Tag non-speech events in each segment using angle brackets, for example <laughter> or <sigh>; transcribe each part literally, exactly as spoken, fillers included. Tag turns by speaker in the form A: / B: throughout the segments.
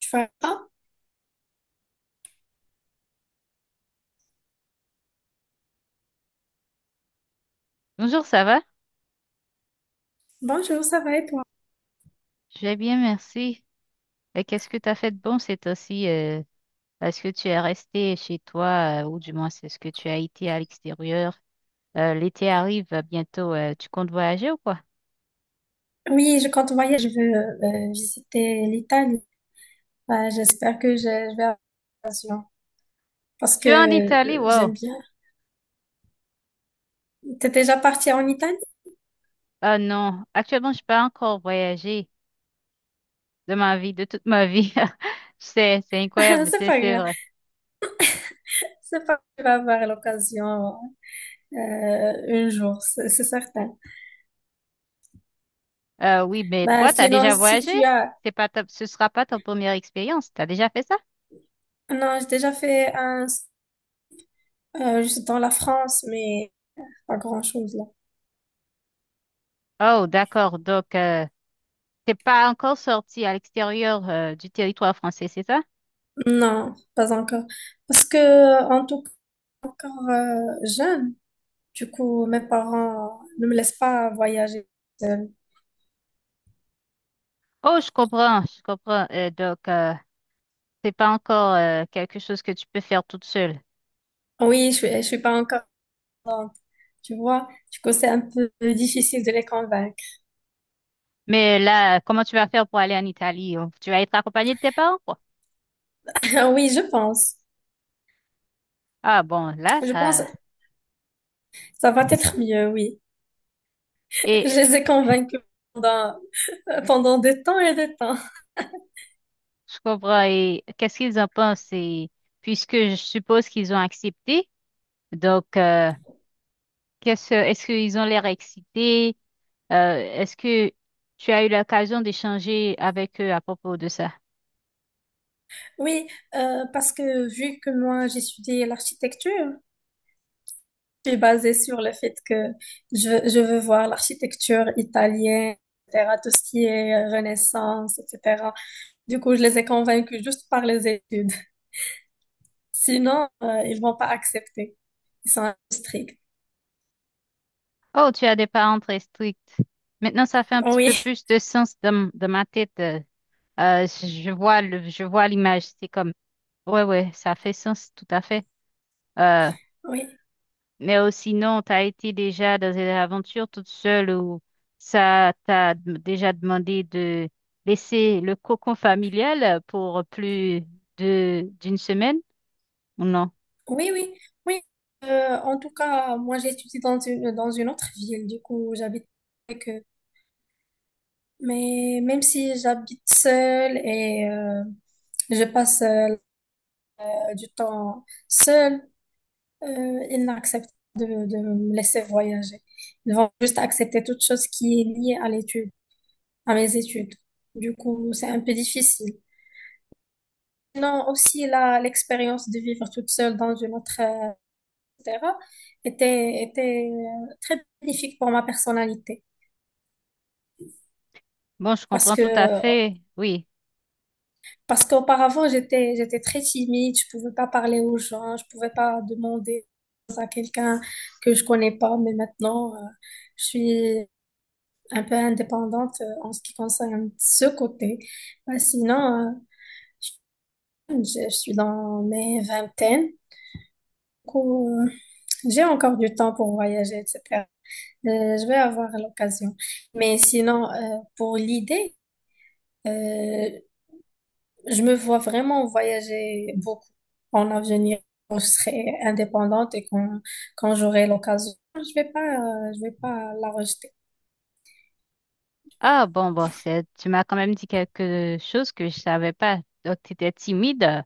A: Tu vas bien.
B: Bonjour, ça va?
A: Bonjour, ça va et toi?
B: Je vais bien, merci. Et qu'est-ce que tu as fait de bon ces temps-ci? euh, Est-ce que tu es resté chez toi euh, ou du moins c'est ce que tu as été à l'extérieur? Euh, l'été arrive euh, bientôt. Euh, tu comptes voyager ou quoi?
A: Oui, je compte voyager. Je veux euh, visiter l'Italie. Bah, j'espère que je, je vais avoir l'occasion parce que
B: Je suis en Italie,
A: euh,
B: wow.
A: j'aime bien. T'es déjà parti en Italie?
B: Ah non, actuellement, je n'ai pas encore voyagé de ma vie, de toute ma vie. <laughs> C'est, c'est
A: <laughs>
B: incroyable, mais
A: C'est
B: c'est
A: pas
B: c'est
A: grave.
B: vrai.
A: C'est pas grave, tu vas avoir l'occasion euh, un jour, c'est c'est certain.
B: Euh, oui, mais
A: Bah,
B: toi, tu as
A: sinon,
B: déjà
A: si
B: voyagé?
A: tu as...
B: C'est pas ta- Ce sera pas ta première expérience. Tu as déjà fait ça?
A: Non, j'ai déjà fait un... euh, juste dans la France, mais pas grand-chose là.
B: Oh, d'accord. Donc, euh, c'est pas encore sorti à l'extérieur euh, du territoire français, c'est ça?
A: Non, pas encore. Parce que, en tout cas, encore euh, jeune. Du coup, mes parents ne me laissent pas voyager seule.
B: Oh, je comprends, je comprends. Euh, donc, euh, c'est pas encore euh, quelque chose que tu peux faire toute seule.
A: Ah oui, je suis, je suis pas encore grande, tu vois. Du coup, c'est un peu difficile de les convaincre.
B: Mais là, comment tu vas faire pour aller en Italie? Oh, tu vas être accompagnée de tes parents, quoi?
A: <laughs> Oui, je pense.
B: Ah bon, là,
A: Je pense que
B: ça...
A: ça va être mieux, oui. Je
B: Et
A: les ai convaincus pendant, pendant des temps et des temps.
B: je comprends. Et qu'est-ce qu'ils en pensent? Et puisque je suppose qu'ils ont accepté, donc, euh, qu'est-ce, est-ce qu'ils ont l'air excités? Euh, est-ce que tu as eu l'occasion d'échanger avec eux à propos de ça?
A: Oui, euh, parce que vu que moi, j'étudie l'architecture, je suis basée sur le fait que je, veux- je veux voir l'architecture italienne, et cetera, tout ce qui est euh, Renaissance, et cetera. Du coup, je les ai convaincus juste par les études. Sinon, euh, ils vont pas accepter. Ils sont stricts.
B: Oh, tu as des parents très stricts. Maintenant, ça fait un
A: Oh
B: petit peu
A: oui.
B: plus de sens dans, m- dans ma tête. Euh, euh, je vois le, je vois l'image. C'est comme, ouais, ouais, ça fait sens, tout à fait. Euh,
A: <laughs> Oui,
B: mais euh, sinon, tu as été déjà dans une aventure toute seule où ça t'a d- déjà demandé de laisser le cocon familial pour plus de d'une semaine ou non?
A: oui, oui, oui. Euh, en tout cas, moi, j'étudie dans une, dans une autre ville. Du coup, j'habite avec eux. Mais même si j'habite seule et euh, je passe euh, du temps seule, euh, ils n'acceptent de, de me laisser voyager. Ils vont juste accepter toute chose qui est liée à l'étude, à mes études. Du coup, c'est un peu difficile. Sinon, aussi, là, l'expérience de vivre toute seule dans une autre, euh, et cetera, était, était euh, très bénéfique pour ma personnalité.
B: Bon, je
A: Parce
B: comprends
A: que,
B: tout à fait. Oui.
A: parce qu'auparavant, j'étais, j'étais très timide, je pouvais pas parler aux gens, je pouvais pas demander à quelqu'un que je connais pas, mais maintenant, euh, je suis un peu indépendante euh, en ce qui concerne ce côté. Bah, sinon, euh, je, je suis dans mes vingtaines, du coup, euh, j'ai encore du temps pour voyager, et cetera. Euh, je vais avoir l'occasion. Mais sinon, euh, pour l'idée, euh, je me vois vraiment voyager beaucoup en avenir. Quand je serai indépendante et quand, quand j'aurai l'occasion, je vais pas, euh, je vais pas la rejeter.
B: Ah bon, bon, c'est, tu m'as quand même dit quelque chose que je savais pas. Donc, tu étais timide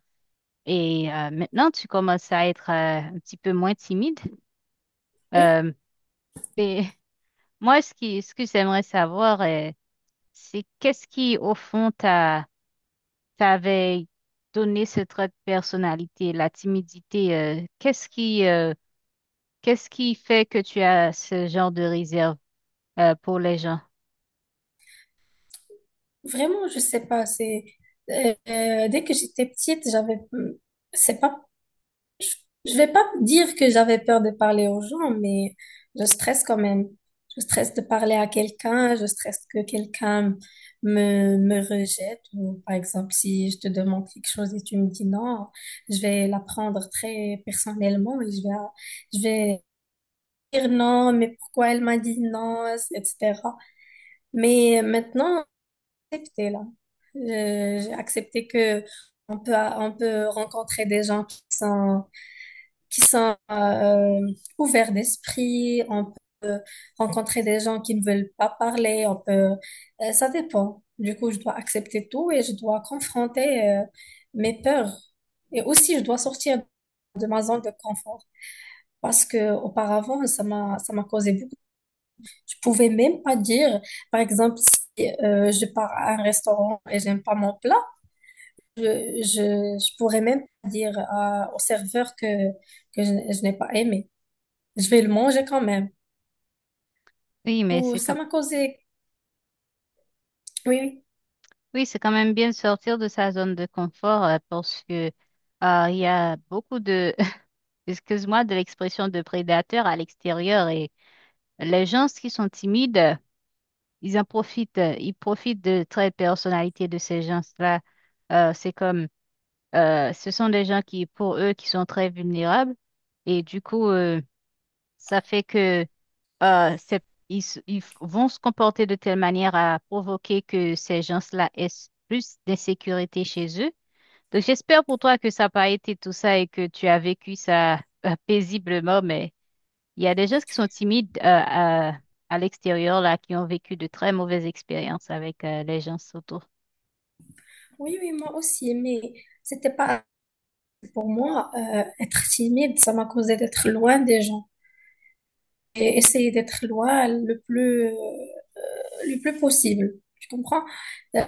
B: et euh, maintenant tu commences à être euh, un petit peu moins timide.
A: Oui,
B: Euh, et <laughs> moi, ce qui, ce que j'aimerais savoir, euh, c'est qu'est-ce qui, au fond, t'a, t'avait donné ce trait de personnalité, la timidité. Euh, qu'est-ce qui, euh, qu'est-ce qui fait que tu as ce genre de réserve euh, pour les gens?
A: vraiment, je sais pas. C'est euh, euh, dès que j'étais petite, j'avais, c'est pas... Je vais pas dire que j'avais peur de parler aux gens, mais je stresse quand même. Je stresse de parler à quelqu'un, je stresse que quelqu'un me, me rejette, ou par exemple, si je te demande quelque chose et tu me dis non, je vais la prendre très personnellement et je vais, je vais dire non, mais pourquoi elle m'a dit non, et cetera. Mais maintenant, j'ai accepté là. Euh, J'ai accepté que on peut, on peut rencontrer des gens qui sont qui sont euh, ouverts d'esprit. On peut rencontrer des gens qui ne veulent pas parler. On peut, euh, ça dépend. Du coup, je dois accepter tout et je dois confronter euh, mes peurs. Et aussi, je dois sortir de ma zone de confort. Parce que auparavant, ça m'a, ça m'a causé beaucoup. Je pouvais même pas dire, par exemple, si euh, je pars à un restaurant et j'aime pas mon plat, je, je, je pourrais même pas dire à- au serveur que, que je, je n'ai pas aimé. Je vais le manger quand même.
B: Oui, mais
A: Oh,
B: c'est
A: ça
B: comme
A: m'a causé. Oui,
B: oui, c'est quand même bien de sortir de sa zone de confort euh, parce que euh, il y a beaucoup de, <laughs> excuse-moi, de l'expression de prédateurs à l'extérieur et les gens qui sont timides, euh, ils en profitent, euh, ils profitent de traits de personnalité de ces gens-là. Euh, c'est comme, euh, ce sont des gens qui, pour eux, qui sont très vulnérables et du coup, euh, ça fait que euh, c'est- ils, s- ils f- vont se comporter de telle manière à provoquer que ces gens-là aient s- plus d'insécurité chez eux. Donc, j'espère pour toi que ça n'a pas été tout ça et que tu as vécu ça euh, paisiblement, mais il y a des gens qui sont timides euh, à, à l'extérieur, là, qui ont vécu de très mauvaises expériences avec euh, les gens autour.
A: oui, oui, oui, moi aussi, mais c'était pas... Pour moi euh, être timide, ça m'a causé d'être loin des gens et essayer d'être loin le plus, euh, le plus possible. Tu comprends? Euh,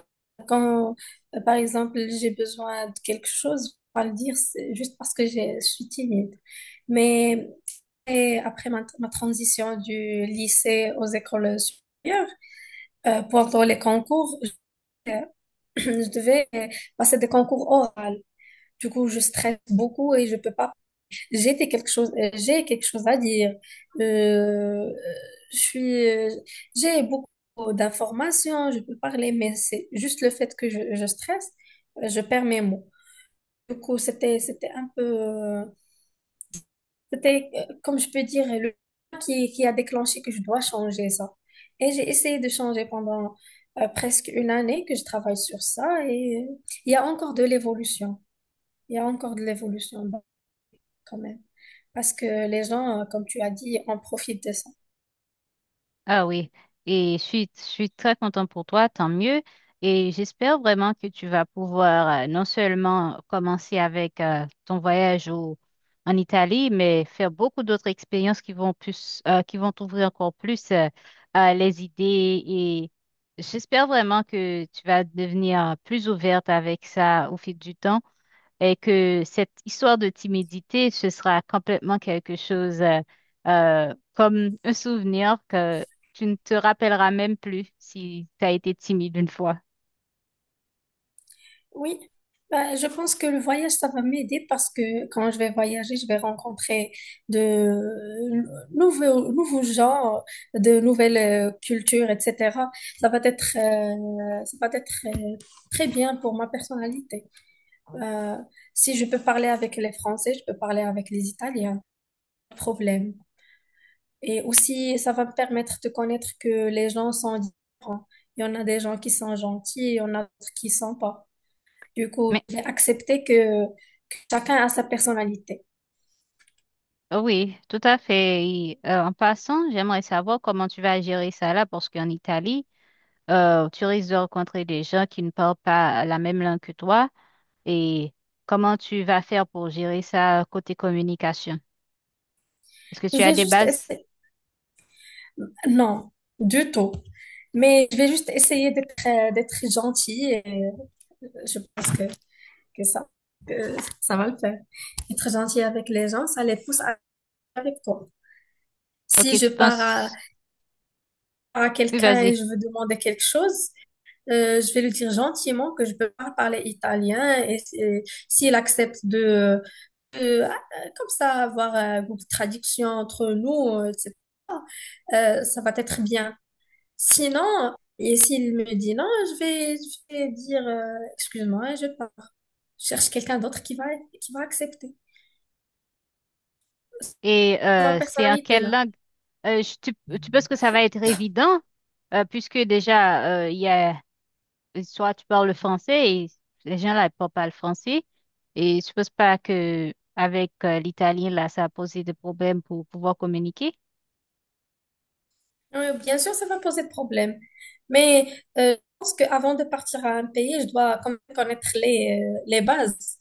A: Quand, euh, Par exemple, j'ai besoin de quelque chose, je vais pas le dire, c'est juste parce que j'ai- je suis timide. Mais et après ma, ma transition du lycée aux écoles supérieures, euh, pendant les concours, je devais euh, passer des concours oraux. Du coup, je stresse beaucoup et je peux pas. J'étais quelque chose, euh, j'ai quelque chose à dire. Euh, je suis, euh, j'ai beaucoup d'informations, je peux parler, mais c'est juste le fait que je, je stresse, euh, je perds mes mots. Du coup, c'était, c'était un peu, euh, c'était, euh, comme je peux dire, le qui, qui a déclenché que je dois changer ça. Et j'ai essayé de changer pendant euh, presque une année que je travaille sur ça et euh, il y a encore de l'évolution. Il y a encore de l'évolution, bon, quand même. Parce que les gens, euh, comme tu as dit, en profitent de ça.
B: Ah oui, et je suis, je suis très contente pour toi, tant mieux. Et j'espère vraiment que tu vas pouvoir euh, non seulement commencer avec euh, ton voyage au- en Italie, mais faire beaucoup d'autres expériences qui vont plus, euh, qui vont t'ouvrir encore plus euh, euh, les idées. Et j'espère vraiment que tu vas devenir plus ouverte avec ça au fil du temps et que cette histoire de timidité, ce sera complètement quelque chose euh, euh, comme un souvenir que tu ne te rappelleras même plus si tu as été timide une fois.
A: Oui, bah, je pense que le voyage, ça va m'aider parce que quand je vais voyager, je vais rencontrer de nouveaux, nouveaux genres, de nouvelles euh, cultures, et cetera. Ça va être, euh, ça va être euh, très bien pour ma personnalité. Euh, Si je peux parler avec les Français, je peux parler avec les Italiens, pas de problème. Et aussi, ça va me permettre de connaître que les gens sont différents. Il y en a des gens qui sont gentils, il y en a d'autres qui sont pas. Du coup,
B: Mais
A: j'ai accepté que, que chacun a sa personnalité.
B: euh, oui, tout à fait. Et, euh, en passant, j'aimerais savoir comment tu vas gérer ça là, parce qu'en Italie, euh, tu risques de rencontrer des gens qui ne parlent pas la même langue que toi et comment tu vas faire pour gérer ça euh, côté communication? Est-ce que
A: Je
B: tu as
A: vais
B: des
A: juste
B: bases?
A: essayer. Non, du tout. Mais je vais juste essayer d'être euh, d'être gentille et euh, je pense que, que ça, que ça va le faire. Être gentil avec les gens, ça les pousse à- avec toi. Si
B: Ok,
A: je
B: tu
A: pars à,
B: penses.
A: à
B: Oui,
A: quelqu'un et
B: vas-y.
A: je veux demander quelque chose, euh, je vais lui dire gentiment que je peux pas parler italien et, et s'il accepte de, de- ah, euh, comme ça avoir euh, une traduction entre nous, euh, c'est- euh, ça va être bien. Sinon, et s'il me dit non, je vais, je vais dire euh, excuse-moi, je pars. Je cherche quelqu'un d'autre qui va, qui va accepter
B: Et
A: ma
B: euh, c'est en
A: personnalité
B: quelle
A: là.
B: langue? Euh, je- tu, tu penses que ça va être évident euh, puisque déjà, euh, il y a, soit tu parles le français et les gens là ne parlent pas le français. Et je pense pas que avec euh, l'italien là, ça a posé des problèmes pour pouvoir communiquer.
A: Oui, bien sûr, ça va poser problème. Mais euh, je pense qu'avant de partir à un pays, je dois quand même connaître les, euh, les bases.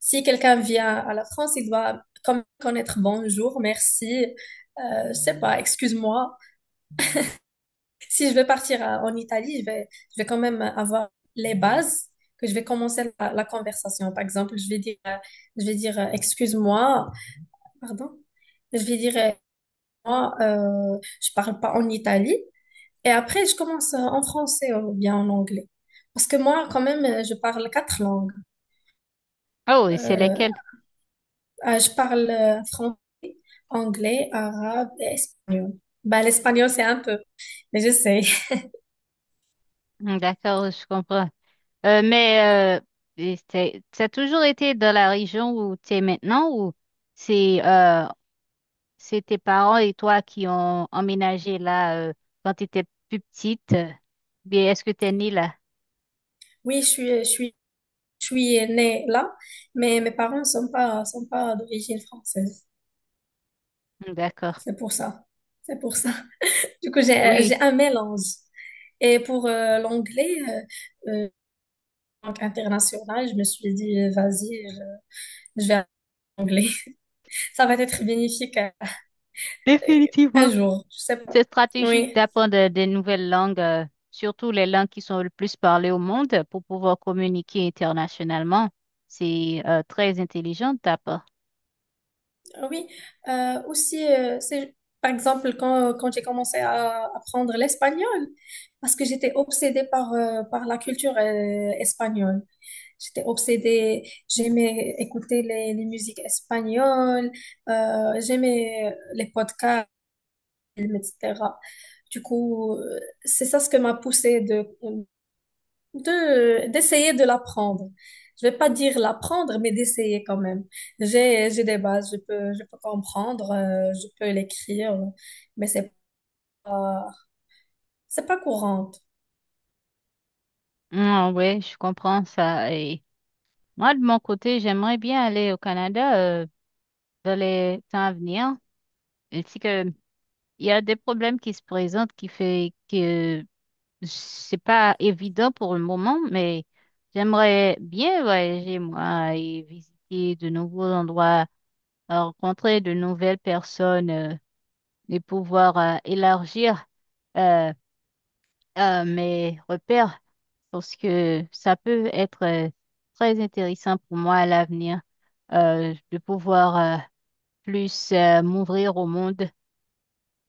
A: Si quelqu'un vient à la France, il doit quand même connaître bonjour, merci, euh, je sais pas, excuse-moi. Si je vais partir à- en Italie, je vais, je vais quand même avoir les bases, que je vais commencer la, la conversation. Par exemple, je vais dire, euh, je vais dire, euh, excuse-moi, pardon, je vais dire, euh, moi, euh, je parle pas en Italie. Et après, je commence euh, en français ou bien en anglais. Parce que moi, quand même, euh, je parle quatre langues.
B: Oh, et c'est
A: Euh,
B: lesquels?
A: ah, je parle euh, fran- anglais, arabe et espagnol. Bah, l'espagnol, c'est un peu, mais j'essaie. <laughs>
B: Hmm, d'accord, je comprends. Euh, mais euh, et c'est- ça a toujours été dans la région où tu es maintenant ou c'est euh, c'est tes parents et toi qui ont emménagé là euh, quand tu étais plus petite. euh, Bien, est-ce que tu es née là?
A: Oui, je suis, je suis, je suis née là, mais mes parents ne sont pas, sont pas d'origine française.
B: Hmm, d'accord.
A: C'est pour ça. C'est pour ça. <laughs> Du coup, j'ai, j'ai
B: Oui,
A: un mélange. Et pour euh, l'anglais, euh, euh, en tant qu'international, je me suis dit, vas-y, je, je vais à l'anglais. Ça va être bénéfique euh, un
B: définitivement.
A: jour, je sais pas.
B: C'est stratégique
A: Oui.
B: d'apprendre euh, des nouvelles langues, euh, surtout les langues qui sont le plus parlées au monde pour pouvoir communiquer internationalement. C'est euh, très intelligent de ta part.
A: Ah oui. Euh, aussi, euh, c'est, Par exemple, quand, quand j'ai commencé à apprendre l'espagnol, parce que j'étais obsédée par, euh, par la culture euh, espagnole. J'étais obsédée, j'aimais écouter les, les musiques espagnoles, euh, j'aimais les podcasts, et cetera. Du coup, euh, c'est ça ce que m'a poussée de, de d'essayer de l'apprendre. Je vais pas dire l'apprendre, mais d'essayer quand même. J'ai j'ai des bases, je peux je peux comprendre, euh, je peux l'écrire, mais c'est pas... C'est pas courante.
B: Hmm, oui, je comprends ça. Et moi, de mon côté, j'aimerais bien aller au Canada euh, dans les temps à venir. Ainsi que il y a des problèmes qui se présentent qui fait que c'est pas évident pour le moment, mais j'aimerais bien voyager moi et visiter de nouveaux endroits, euh, rencontrer de nouvelles personnes euh, et pouvoir euh, élargir euh, euh, mes repères parce que ça peut être euh, très intéressant pour moi à l'avenir euh, de pouvoir euh, plus euh, m'ouvrir au monde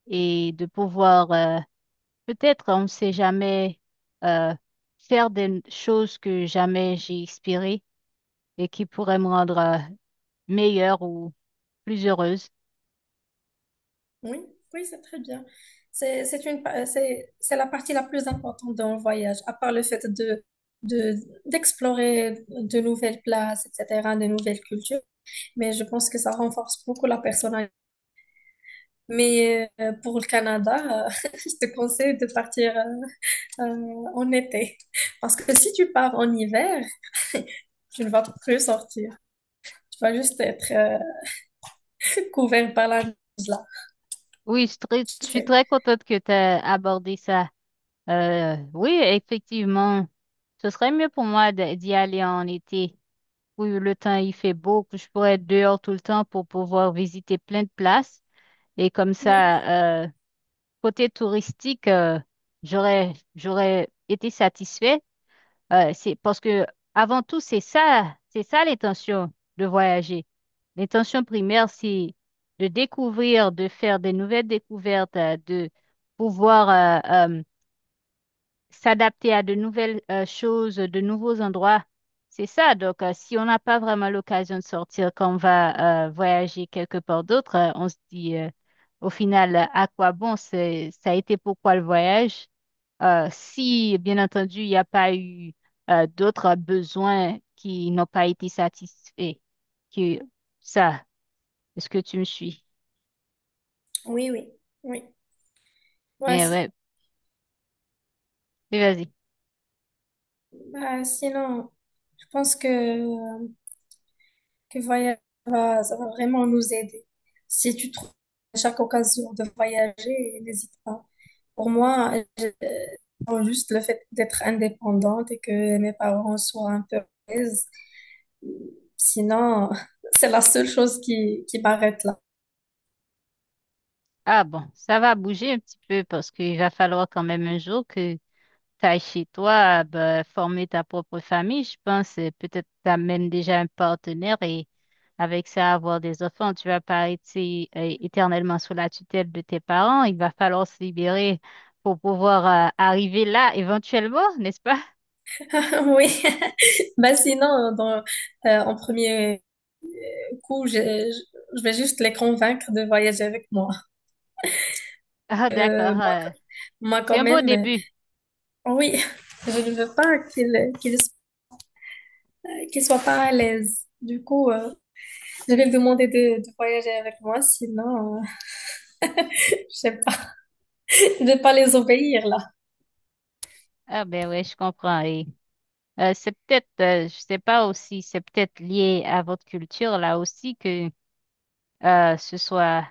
B: et de pouvoir euh, peut-être on ne sait jamais euh, faire des choses que jamais j'ai espérées et qui pourraient me rendre euh, meilleure ou plus heureuse.
A: Oui, oui, c'est très bien. C'est, c'est une, pa- c'est, c'est la partie la plus importante d'un voyage, à part le fait de, de, d'explorer de nouvelles places, et cetera, de nouvelles cultures. Mais je pense que ça renforce beaucoup la personnalité. Mais euh, pour le Canada, euh, <laughs> je te conseille de partir euh, euh, en été. Parce que si tu pars en hiver, <laughs> tu ne vas plus sortir. Tu vas juste être euh, couvert par la neige,
B: Oui, je suis très, je suis
A: sais.
B: très contente que tu aies abordé ça. Euh, oui, effectivement, ce serait mieux pour moi de- d'y aller en été. Oui, le temps il fait beau, que je pourrais être dehors tout le temps pour pouvoir visiter plein de places. Et comme
A: Oui,
B: ça, euh, côté touristique, euh, j'aurais, j'aurais été satisfaite. Euh, c'est parce que avant tout, c'est ça, c'est ça l'intention de voyager. L'intention primaire, c'est de découvrir, de faire des nouvelles découvertes, euh, de pouvoir euh, euh, s'adapter à de nouvelles euh, choses, de nouveaux endroits. C'est ça. Donc, euh, si on n'a pas vraiment l'occasion de sortir quand on va euh, voyager quelque part d'autre, euh, on se dit euh, au final, euh, à quoi bon? C'est, ça a été pourquoi le voyage? Euh, si, bien entendu, il n'y a pas eu euh, d'autres besoins qui n'ont pas été satisfaits que ça. Est-ce que tu me suis?
A: oui, oui, oui. Ouais,
B: Eh
A: c'est...
B: ouais, mais vas-y.
A: Bah, sinon, je pense que, euh, que voyager va, ça va vraiment nous aider. Si tu trouves à chaque occasion de voyager, n'hésite pas. Pour moi, je- euh, juste le fait d'être indépendante et que mes parents soient un peu à l'aise. Sinon, <laughs> c'est la seule chose qui, qui m'arrête là.
B: Ah bon, ça va bouger un petit peu parce qu'il va falloir quand même un jour que t'as chez toi, ben former ta propre famille, je pense, euh, peut-être t'amènes déjà un partenaire et avec ça avoir des enfants, tu vas pas être euh, éternellement sous la tutelle de tes parents. Il va falloir se libérer pour pouvoir euh, arriver là éventuellement, n'est-ce pas? <laughs>
A: <laughs> Oui. <laughs> Bah sinon, dans, euh, en premier coup, je, je- je vais juste les convaincre de voyager avec moi.
B: Ah,
A: Euh,
B: d'accord.
A: moi,
B: Euh,
A: Moi
B: c'est
A: quand
B: un beau
A: même, euh,
B: début.
A: oui, <laughs> je ne veux pas qu'ils qu'ils qu'ils soient pas à l'aise. Du coup, euh, je vais lui demander de, de voyager avec moi, sinon, euh, <laughs> je sais pas, <laughs> je vais pas les obéir là.
B: Ah, ben ouais, je comprends. Et euh, c'est peut-être, euh, je sais pas aussi, c'est peut-être lié à votre culture là aussi que euh, ce soit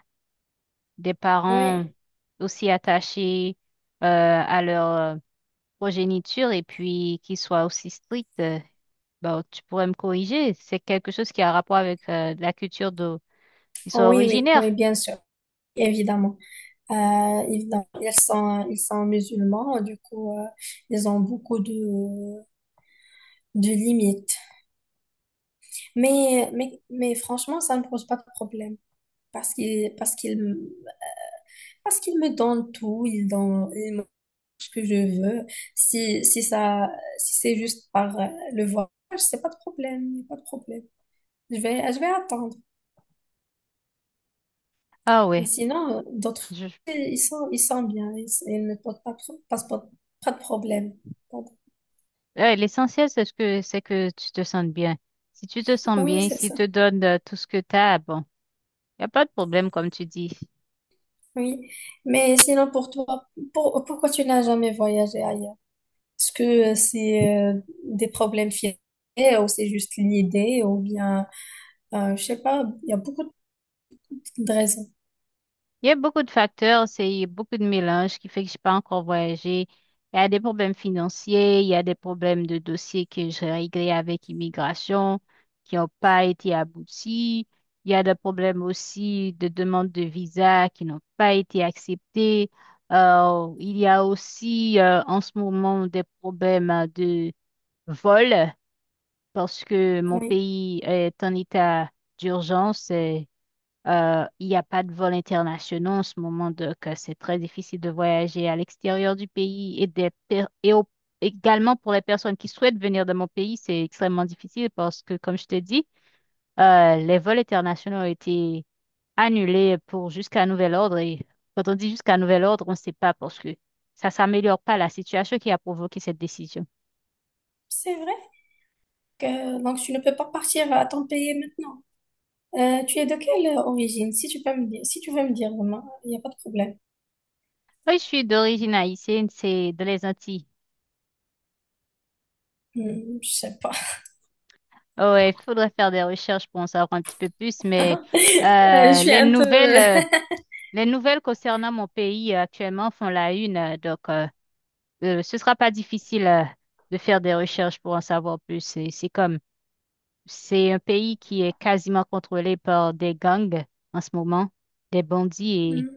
B: des parents
A: Oui,
B: aussi attachés euh, à leur euh, progéniture et puis qui soient aussi stricts, euh, bon, tu pourrais me corriger. C'est quelque chose qui a rapport avec euh, la culture d'où ils sont
A: oui, oui,
B: originaires.
A: oui, bien sûr, évidemment. Euh, ils, Ils sont, ils sont musulmans, du coup, euh, ils ont beaucoup de, de limites. Mais, mais, mais franchement, ça ne pose pas de problème parce qu'ils parce qu'ils parce qu'ils me donnent tout, ils donnent, ils me donnent ce que je veux. Si, si ça, Si c'est juste par euh, le voyage, c'est pas de problème, y a pas de problème. Je vais, je vais attendre.
B: Ah
A: Et
B: ouais.
A: sinon, euh, d'autres,
B: Je-
A: ils sont, ils sont bien, ils, ils ne posent pas, de pro- pas, pas de problème.
B: ouais, l'essentiel, c'est ce que c'est que tu te sentes bien. Si tu te sens
A: Oui,
B: bien,
A: c'est
B: s'ils
A: ça.
B: te donnent euh, tout ce que tu as, bon, il n'y a pas de problème, comme tu dis.
A: Oui, mais sinon pour toi, pour- pourquoi tu n'as jamais voyagé ailleurs? Est-ce que euh, c'est euh, des problèmes financiers ou c'est juste l'idée ou bien, euh, je sais pas, il y a beaucoup de raisons.
B: Il y a beaucoup de facteurs, c'est beaucoup de mélange qui fait que je n'ai pas encore voyagé. Il y a des problèmes financiers, il y a des problèmes de dossiers que j'ai réglés avec immigration qui n'ont pas été aboutis. Il y a des problèmes aussi de demande de visa qui n'ont pas été acceptés. Euh, il y a aussi euh, en ce moment des problèmes euh, de vol parce que mon
A: Oui,
B: pays est en état d'urgence. Euh, euh, il n'y a pas de vols internationaux en ce moment, donc euh, c'est très difficile de voyager à l'extérieur du pays et, des per- et au- également pour les personnes qui souhaitent venir dans mon pays, c'est extrêmement difficile parce que, comme je t'ai dit, euh, les vols internationaux ont été annulés pour jusqu'à nouvel ordre. Et quand on dit jusqu'à nouvel ordre, on ne sait pas parce que ça s'améliore pas la situation qui a provoqué cette décision.
A: c'est vrai que donc tu ne peux pas partir à ton pays maintenant. Euh, tu es de quelle origine? Si tu peux me dire, si tu veux me dire, vraiment, il n'y a pas de problème.
B: Oui, je suis d'origine haïtienne, c'est dans les Antilles.
A: Hmm, je sais pas.
B: Ouais, il faudrait faire des recherches pour en savoir un petit peu plus, mais
A: Euh, je
B: euh,
A: suis
B: les
A: un peu...
B: nouvelles,
A: euh,
B: euh, les nouvelles concernant mon pays euh, actuellement font la une, euh, donc euh, euh, ce sera pas difficile euh, de faire des recherches pour en savoir plus. C'est c'est comme, c'est un pays qui est quasiment contrôlé par des gangs en ce moment, des
A: <laughs>
B: bandits
A: Hmm,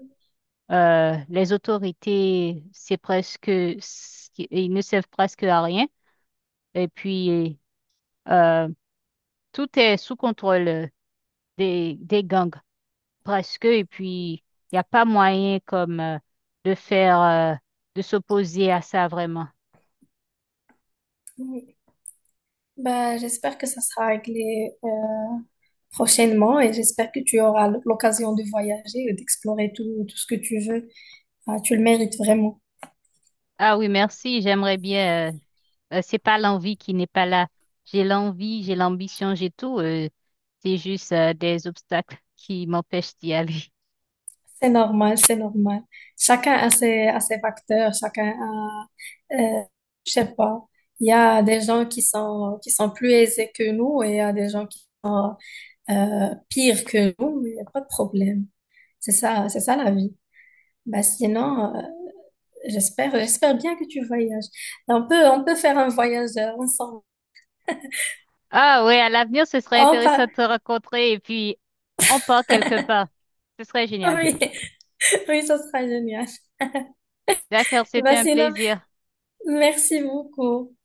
B: et euh, les autorités, c'est presque, s- ils ne servent presque à rien. Et puis euh, tout est sous contrôle euh, des des gangs. Presque, et puis il n'y a pas moyen comme euh, de faire, euh, de s'opposer à ça vraiment.
A: oui. Bah, j'espère que ça sera réglé prochainement et j'espère que tu auras l'occasion de voyager et d'explorer tout, tout ce que tu veux. Ah, tu le mérites vraiment.
B: Ah oui, merci, j'aimerais bien, euh, euh, c'est pas l'envie qui n'est pas là. J'ai l'envie, j'ai l'ambition, j'ai tout, euh, c'est juste euh, des obstacles qui m'empêchent d'y aller. <laughs>
A: C'est normal, c'est normal. Chacun a ses, a ses facteurs, chacun a, euh, je sais pas, il y a des gens qui sont, qui sont plus aisés que nous et il y a des gens qui sont euh, pires que nous, mais il n'y a pas de problème. C'est ça, c'est ça la vie. Bah, sinon, euh, j'espère, j'espère bien que tu voyages. On peut, on peut faire un voyage euh, ensemble.
B: Ah oui, à l'avenir, ce serait
A: On
B: intéressant
A: pas...
B: de te rencontrer et puis on part quelque part. Ce serait
A: <laughs>
B: génial.
A: Oui. Oui, ça sera génial.
B: D'accord, c'était
A: Bah,
B: un
A: sinon,
B: plaisir.
A: merci beaucoup.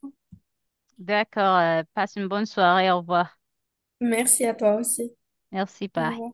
B: D'accord, euh, passe une bonne soirée, au revoir.
A: Merci à toi aussi.
B: Merci,
A: Au
B: bye.
A: revoir.